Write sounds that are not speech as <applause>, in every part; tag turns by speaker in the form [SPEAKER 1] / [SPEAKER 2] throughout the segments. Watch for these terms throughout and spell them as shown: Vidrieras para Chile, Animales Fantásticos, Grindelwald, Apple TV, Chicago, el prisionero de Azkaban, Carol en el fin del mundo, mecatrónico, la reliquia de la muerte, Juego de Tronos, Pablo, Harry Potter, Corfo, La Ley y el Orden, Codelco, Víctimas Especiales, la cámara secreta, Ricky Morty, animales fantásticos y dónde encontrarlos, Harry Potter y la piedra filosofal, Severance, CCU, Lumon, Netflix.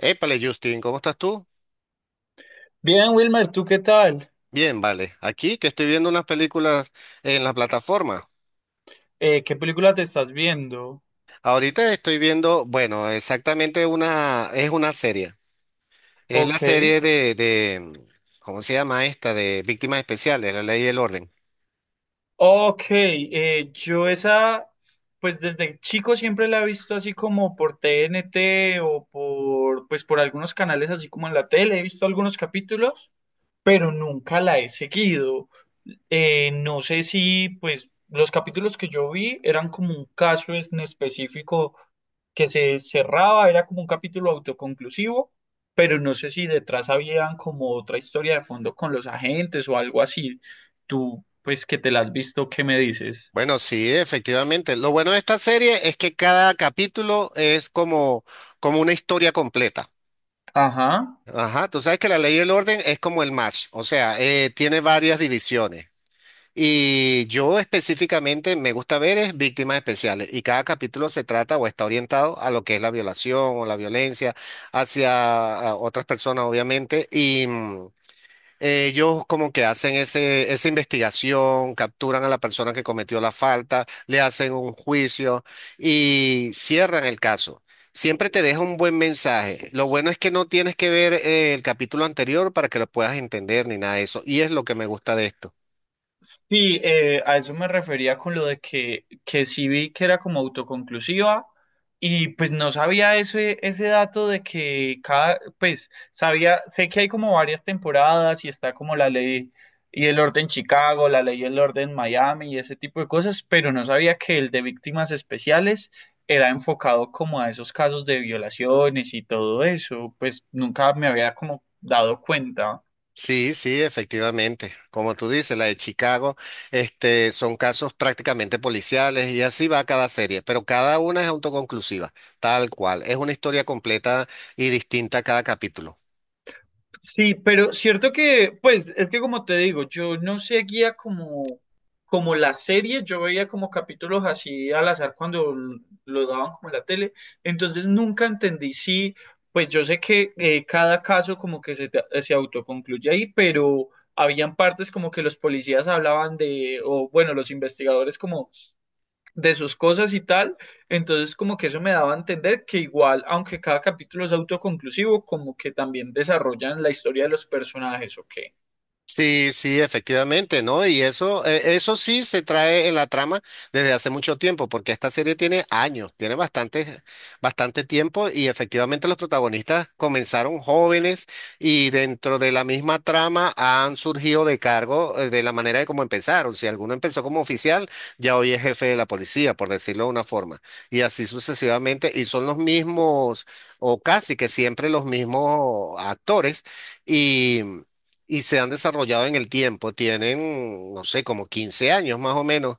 [SPEAKER 1] Épale, Justin, ¿cómo estás tú?
[SPEAKER 2] Bien, Wilmer, ¿tú qué tal?
[SPEAKER 1] Bien, vale. Aquí que estoy viendo unas películas en la plataforma.
[SPEAKER 2] ¿Qué película te estás viendo?
[SPEAKER 1] Ahorita estoy viendo, bueno, exactamente una, es una serie. Es la
[SPEAKER 2] Ok.
[SPEAKER 1] serie de, ¿cómo se llama esta? De Víctimas Especiales, La Ley y el Orden.
[SPEAKER 2] Ok, yo esa, pues desde chico siempre la he visto así como por TNT o por, pues por algunos canales así como en la tele, he visto algunos capítulos, pero nunca la he seguido. No sé si, pues, los capítulos que yo vi eran como un caso en específico que se cerraba, era como un capítulo autoconclusivo, pero no sé si detrás habían como otra historia de fondo con los agentes o algo así. Tú, pues, que te la has visto, ¿qué me dices?
[SPEAKER 1] Bueno, sí, efectivamente. Lo bueno de esta serie es que cada capítulo es como una historia completa.
[SPEAKER 2] Ajá.
[SPEAKER 1] Ajá, tú sabes que La Ley y el Orden es como el match, o sea, tiene varias divisiones. Y yo específicamente me gusta ver es víctimas especiales y cada capítulo se trata o está orientado a lo que es la violación o la violencia hacia a otras personas, obviamente. Y ellos como que hacen esa investigación, capturan a la persona que cometió la falta, le hacen un juicio y cierran el caso. Siempre te deja un buen mensaje. Lo bueno es que no tienes que ver el capítulo anterior para que lo puedas entender ni nada de eso. Y es lo que me gusta de esto.
[SPEAKER 2] Sí, a eso me refería con lo de que sí vi que era como autoconclusiva, y pues no sabía ese dato de que cada, pues sabía, sé que hay como varias temporadas y está como la ley y el orden Chicago, la ley y el orden Miami y ese tipo de cosas, pero no sabía que el de víctimas especiales era enfocado como a esos casos de violaciones y todo eso, pues nunca me había como dado cuenta.
[SPEAKER 1] Sí, sí, efectivamente. Como tú dices, la de Chicago, este, son casos prácticamente policiales y así va cada serie, pero cada una es autoconclusiva, tal cual. Es una historia completa y distinta cada capítulo.
[SPEAKER 2] Sí, pero cierto que, pues, es que como te digo, yo no seguía como, como la serie, yo veía como capítulos así al azar cuando lo daban como en la tele, entonces nunca entendí si, pues yo sé que cada caso como que se, se autoconcluye ahí, pero habían partes como que los policías hablaban de, o bueno, los investigadores como de sus cosas y tal. Entonces, como que eso me daba a entender que igual, aunque cada capítulo es autoconclusivo, como que también desarrollan la historia de los personajes, ¿ok?
[SPEAKER 1] Sí, sí, efectivamente, ¿no? Y eso, eso sí se trae en la trama desde hace mucho tiempo, porque esta serie tiene años, tiene bastante tiempo y efectivamente los protagonistas comenzaron jóvenes y dentro de la misma trama han surgido de cargo de la manera de cómo empezaron. Si alguno empezó como oficial, ya hoy es jefe de la policía, por decirlo de una forma, y así sucesivamente, y son los mismos o casi que siempre los mismos actores y y se han desarrollado en el tiempo. Tienen, no sé, como 15 años más o menos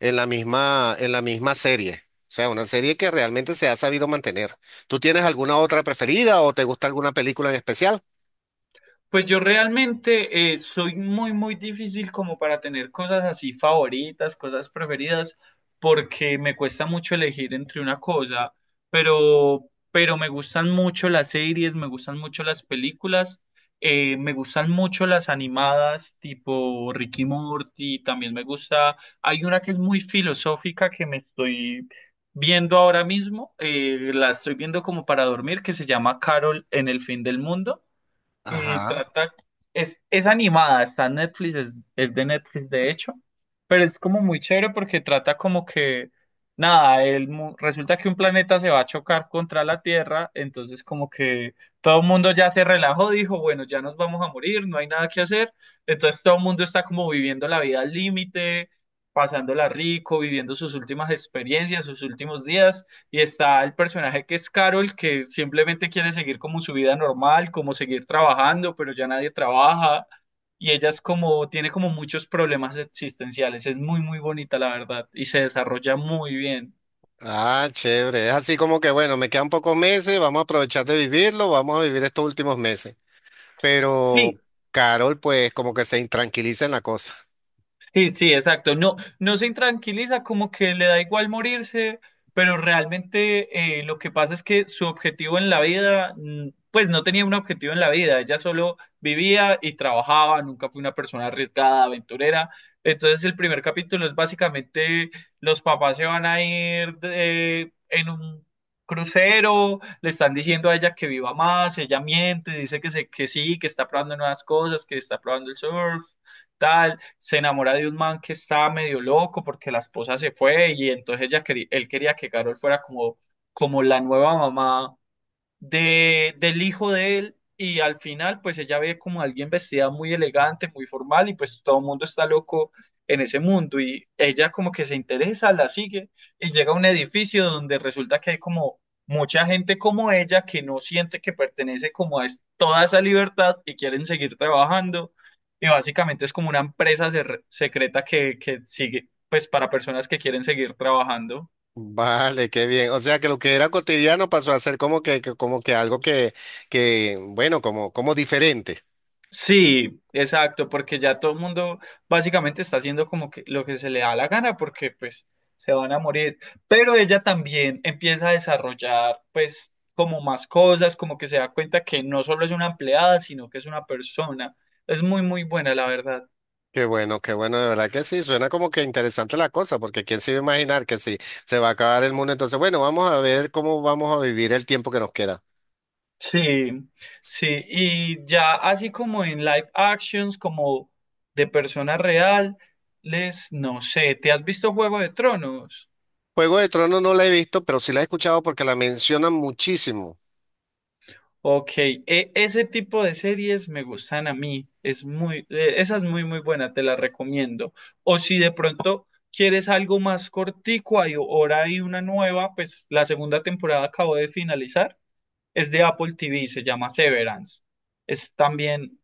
[SPEAKER 1] en la en la misma serie. O sea, una serie que realmente se ha sabido mantener. ¿Tú tienes alguna otra preferida o te gusta alguna película en especial?
[SPEAKER 2] Pues yo realmente soy muy, muy difícil como para tener cosas así favoritas, cosas preferidas, porque me cuesta mucho elegir entre una cosa, pero me gustan mucho las series, me gustan mucho las películas, me gustan mucho las animadas tipo Ricky Morty, también me gusta, hay una que es muy filosófica que me estoy viendo ahora mismo, la estoy viendo como para dormir, que se llama Carol en el fin del mundo. Y
[SPEAKER 1] Ajá.
[SPEAKER 2] trata, es animada, está en Netflix, es de Netflix de hecho, pero es como muy chévere porque trata como que, nada, el, resulta que un planeta se va a chocar contra la Tierra, entonces como que todo el mundo ya se relajó, dijo, bueno, ya nos vamos a morir, no hay nada que hacer, entonces todo el mundo está como viviendo la vida al límite, pasándola rico, viviendo sus últimas experiencias, sus últimos días. Y está el personaje que es Carol, que simplemente quiere seguir como su vida normal, como seguir trabajando, pero ya nadie trabaja. Y ella es como, tiene como muchos problemas existenciales. Es muy, muy bonita, la verdad. Y se desarrolla muy bien.
[SPEAKER 1] Ah, chévere. Es así como que, bueno, me quedan pocos meses, vamos a aprovechar de vivirlo, vamos a vivir estos últimos meses. Pero
[SPEAKER 2] Sí.
[SPEAKER 1] Carol, pues, como que se intranquiliza en la cosa.
[SPEAKER 2] Sí, sí, exacto. No, no se intranquiliza, como que le da igual morirse, pero realmente lo que pasa es que su objetivo en la vida, pues no tenía un objetivo en la vida, ella solo vivía y trabajaba, nunca fue una persona arriesgada, aventurera. Entonces el primer capítulo es básicamente los papás se van a en un crucero, le están diciendo a ella que viva más, ella miente, dice que, se, que sí, que está probando nuevas cosas, que está probando el surf, tal se enamora de un man que estaba medio loco porque la esposa se fue y entonces ella quería, él quería que Carol fuera como, como la nueva mamá de, del hijo de él, y al final pues ella ve como alguien vestida muy elegante, muy formal, y pues todo el mundo está loco en ese mundo y ella como que se interesa, la sigue y llega a un edificio donde resulta que hay como mucha gente como ella que no siente que pertenece como a toda esa libertad y quieren seguir trabajando, y básicamente es como una empresa secreta que sigue pues para personas que quieren seguir trabajando.
[SPEAKER 1] Vale, qué bien. O sea que lo que era cotidiano pasó a ser como como que algo bueno, como diferente.
[SPEAKER 2] Sí, exacto, porque ya todo el mundo básicamente está haciendo como que lo que se le da la gana porque pues se van a morir. Pero ella también empieza a desarrollar pues como más cosas, como que se da cuenta que no solo es una empleada, sino que es una persona. Es muy, muy buena, la verdad.
[SPEAKER 1] Qué bueno, de verdad que sí, suena como que interesante la cosa, porque quién se iba a imaginar que si se va a acabar el mundo, entonces, bueno, vamos a ver cómo vamos a vivir el tiempo que nos queda.
[SPEAKER 2] Sí, sí, y ya así como en live actions, como de persona real, les, no sé, ¿te has visto Juego de Tronos?
[SPEAKER 1] Juego de Tronos no la he visto, pero sí la he escuchado porque la mencionan muchísimo.
[SPEAKER 2] Ok, ese tipo de series me gustan a mí, es muy, esa es muy muy buena, te la recomiendo. O si de pronto quieres algo más cortico, hay, ahora hay una nueva, pues la segunda temporada acabo de finalizar, es de Apple TV, se llama Severance. Es también,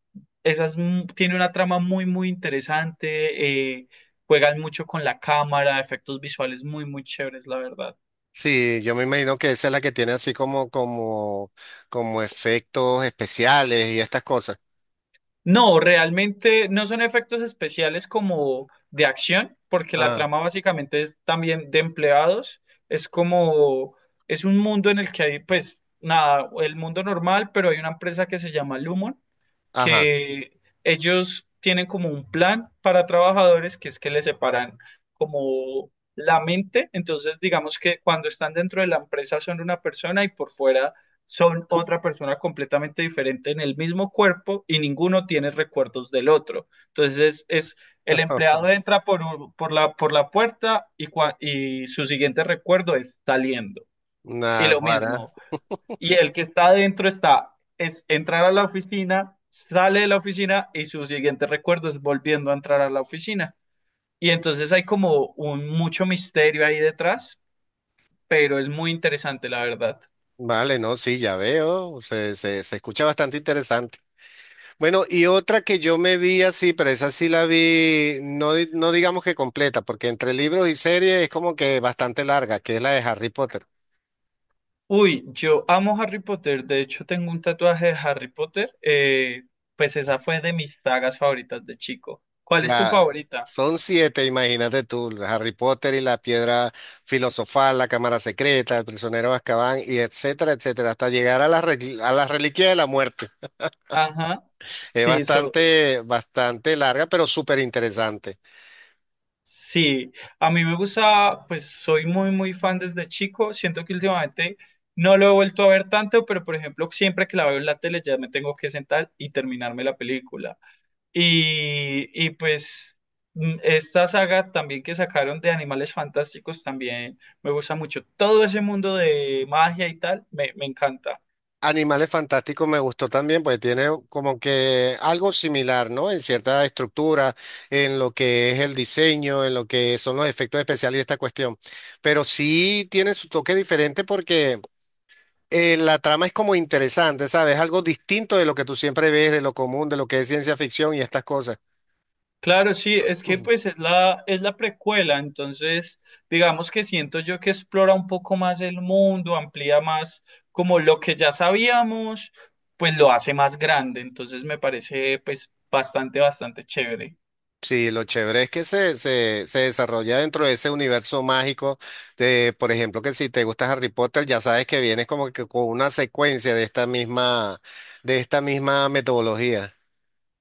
[SPEAKER 2] esa es tiene una trama muy muy interesante, juegan mucho con la cámara, efectos visuales muy muy chéveres, la verdad.
[SPEAKER 1] Sí, yo me imagino que esa es la que tiene así como efectos especiales y estas cosas.
[SPEAKER 2] No, realmente no son efectos especiales como de acción, porque la
[SPEAKER 1] Ah,
[SPEAKER 2] trama básicamente es también de empleados. Es como, es un mundo en el que hay, pues, nada, el mundo normal, pero hay una empresa que se llama Lumon,
[SPEAKER 1] ajá.
[SPEAKER 2] que ellos tienen como un plan para trabajadores que es que les separan como la mente, entonces digamos que cuando están dentro de la empresa son una persona y por fuera son otra persona completamente diferente en el mismo cuerpo y ninguno tiene recuerdos del otro. Entonces es, el empleado
[SPEAKER 1] <laughs>
[SPEAKER 2] entra por, por la puerta, y, y su siguiente recuerdo es saliendo. Y lo
[SPEAKER 1] Naguará.
[SPEAKER 2] mismo. Y el que está adentro está, es entrar a la oficina, sale de la oficina y su siguiente recuerdo es volviendo a entrar a la oficina. Y entonces hay como un mucho misterio ahí detrás, pero es muy interesante, la verdad.
[SPEAKER 1] Vale, no, sí, ya veo, se escucha bastante interesante. Bueno, y otra que yo me vi así, pero esa sí la vi, no, no digamos que completa, porque entre libros y series es como que bastante larga, que es la de Harry Potter.
[SPEAKER 2] Uy, yo amo Harry Potter, de hecho tengo un tatuaje de Harry Potter, pues esa fue de mis sagas favoritas de chico. ¿Cuál es tu
[SPEAKER 1] Claro,
[SPEAKER 2] favorita?
[SPEAKER 1] son 7, imagínate tú, Harry Potter y la piedra filosofal, la cámara secreta, el prisionero de Azkaban, y etcétera, etcétera, hasta llegar a la, a la reliquia de la muerte.
[SPEAKER 2] Ajá,
[SPEAKER 1] Es
[SPEAKER 2] sí, so-
[SPEAKER 1] bastante larga, pero súper interesante.
[SPEAKER 2] Sí, a mí me gusta, pues soy muy, muy fan desde chico. Siento que últimamente no lo he vuelto a ver tanto, pero por ejemplo, siempre que la veo en la tele ya me tengo que sentar y terminarme la película. Y pues esta saga también que sacaron de Animales Fantásticos también me gusta mucho. Todo ese mundo de magia y tal me, me encanta.
[SPEAKER 1] Animales Fantásticos me gustó también, pues tiene como que algo similar, ¿no? En cierta estructura, en lo que es el diseño, en lo que son los efectos especiales y esta cuestión. Pero sí tiene su toque diferente porque la trama es como interesante, ¿sabes? Algo distinto de lo que tú siempre ves, de lo común, de lo que es ciencia ficción y estas cosas.
[SPEAKER 2] Claro, sí, es que pues es la precuela, entonces digamos que siento yo que explora un poco más el mundo, amplía más como lo que ya sabíamos, pues lo hace más grande, entonces me parece pues bastante, bastante chévere.
[SPEAKER 1] Sí, lo chévere es que se desarrolla dentro de ese universo mágico de, por ejemplo, que si te gusta Harry Potter, ya sabes que vienes como que con una secuencia de esta misma metodología.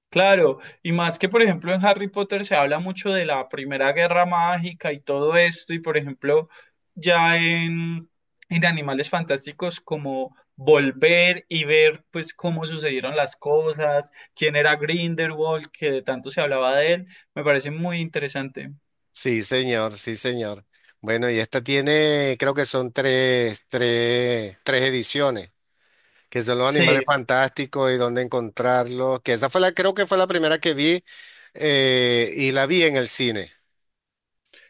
[SPEAKER 2] Claro, y más que por ejemplo en Harry Potter se habla mucho de la Primera Guerra Mágica y todo esto, y por ejemplo ya en Animales Fantásticos como volver y ver pues cómo sucedieron las cosas, quién era Grindelwald, que de tanto se hablaba de él, me parece muy interesante.
[SPEAKER 1] Sí, señor, sí, señor. Bueno, y esta tiene, creo que son 3 ediciones, que son los animales
[SPEAKER 2] Sí.
[SPEAKER 1] fantásticos y dónde encontrarlos, que esa fue la, creo que fue la primera que vi y la vi en el cine.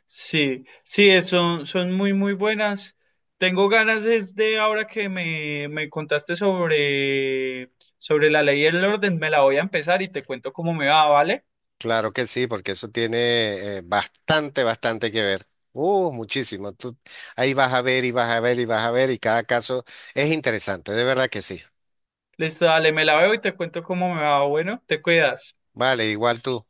[SPEAKER 2] Sí, sí, son, son muy, muy buenas. Tengo ganas es de ahora que me contaste sobre, sobre la ley y el orden, me la voy a empezar y te cuento cómo me va, ¿vale?
[SPEAKER 1] Claro que sí, porque eso tiene bastante, bastante que ver. Muchísimo. Tú ahí vas a ver y vas a ver y vas a ver y cada caso es interesante, de verdad que sí.
[SPEAKER 2] Listo, dale, me la veo y te cuento cómo me va. Bueno, te cuidas.
[SPEAKER 1] Vale, igual tú.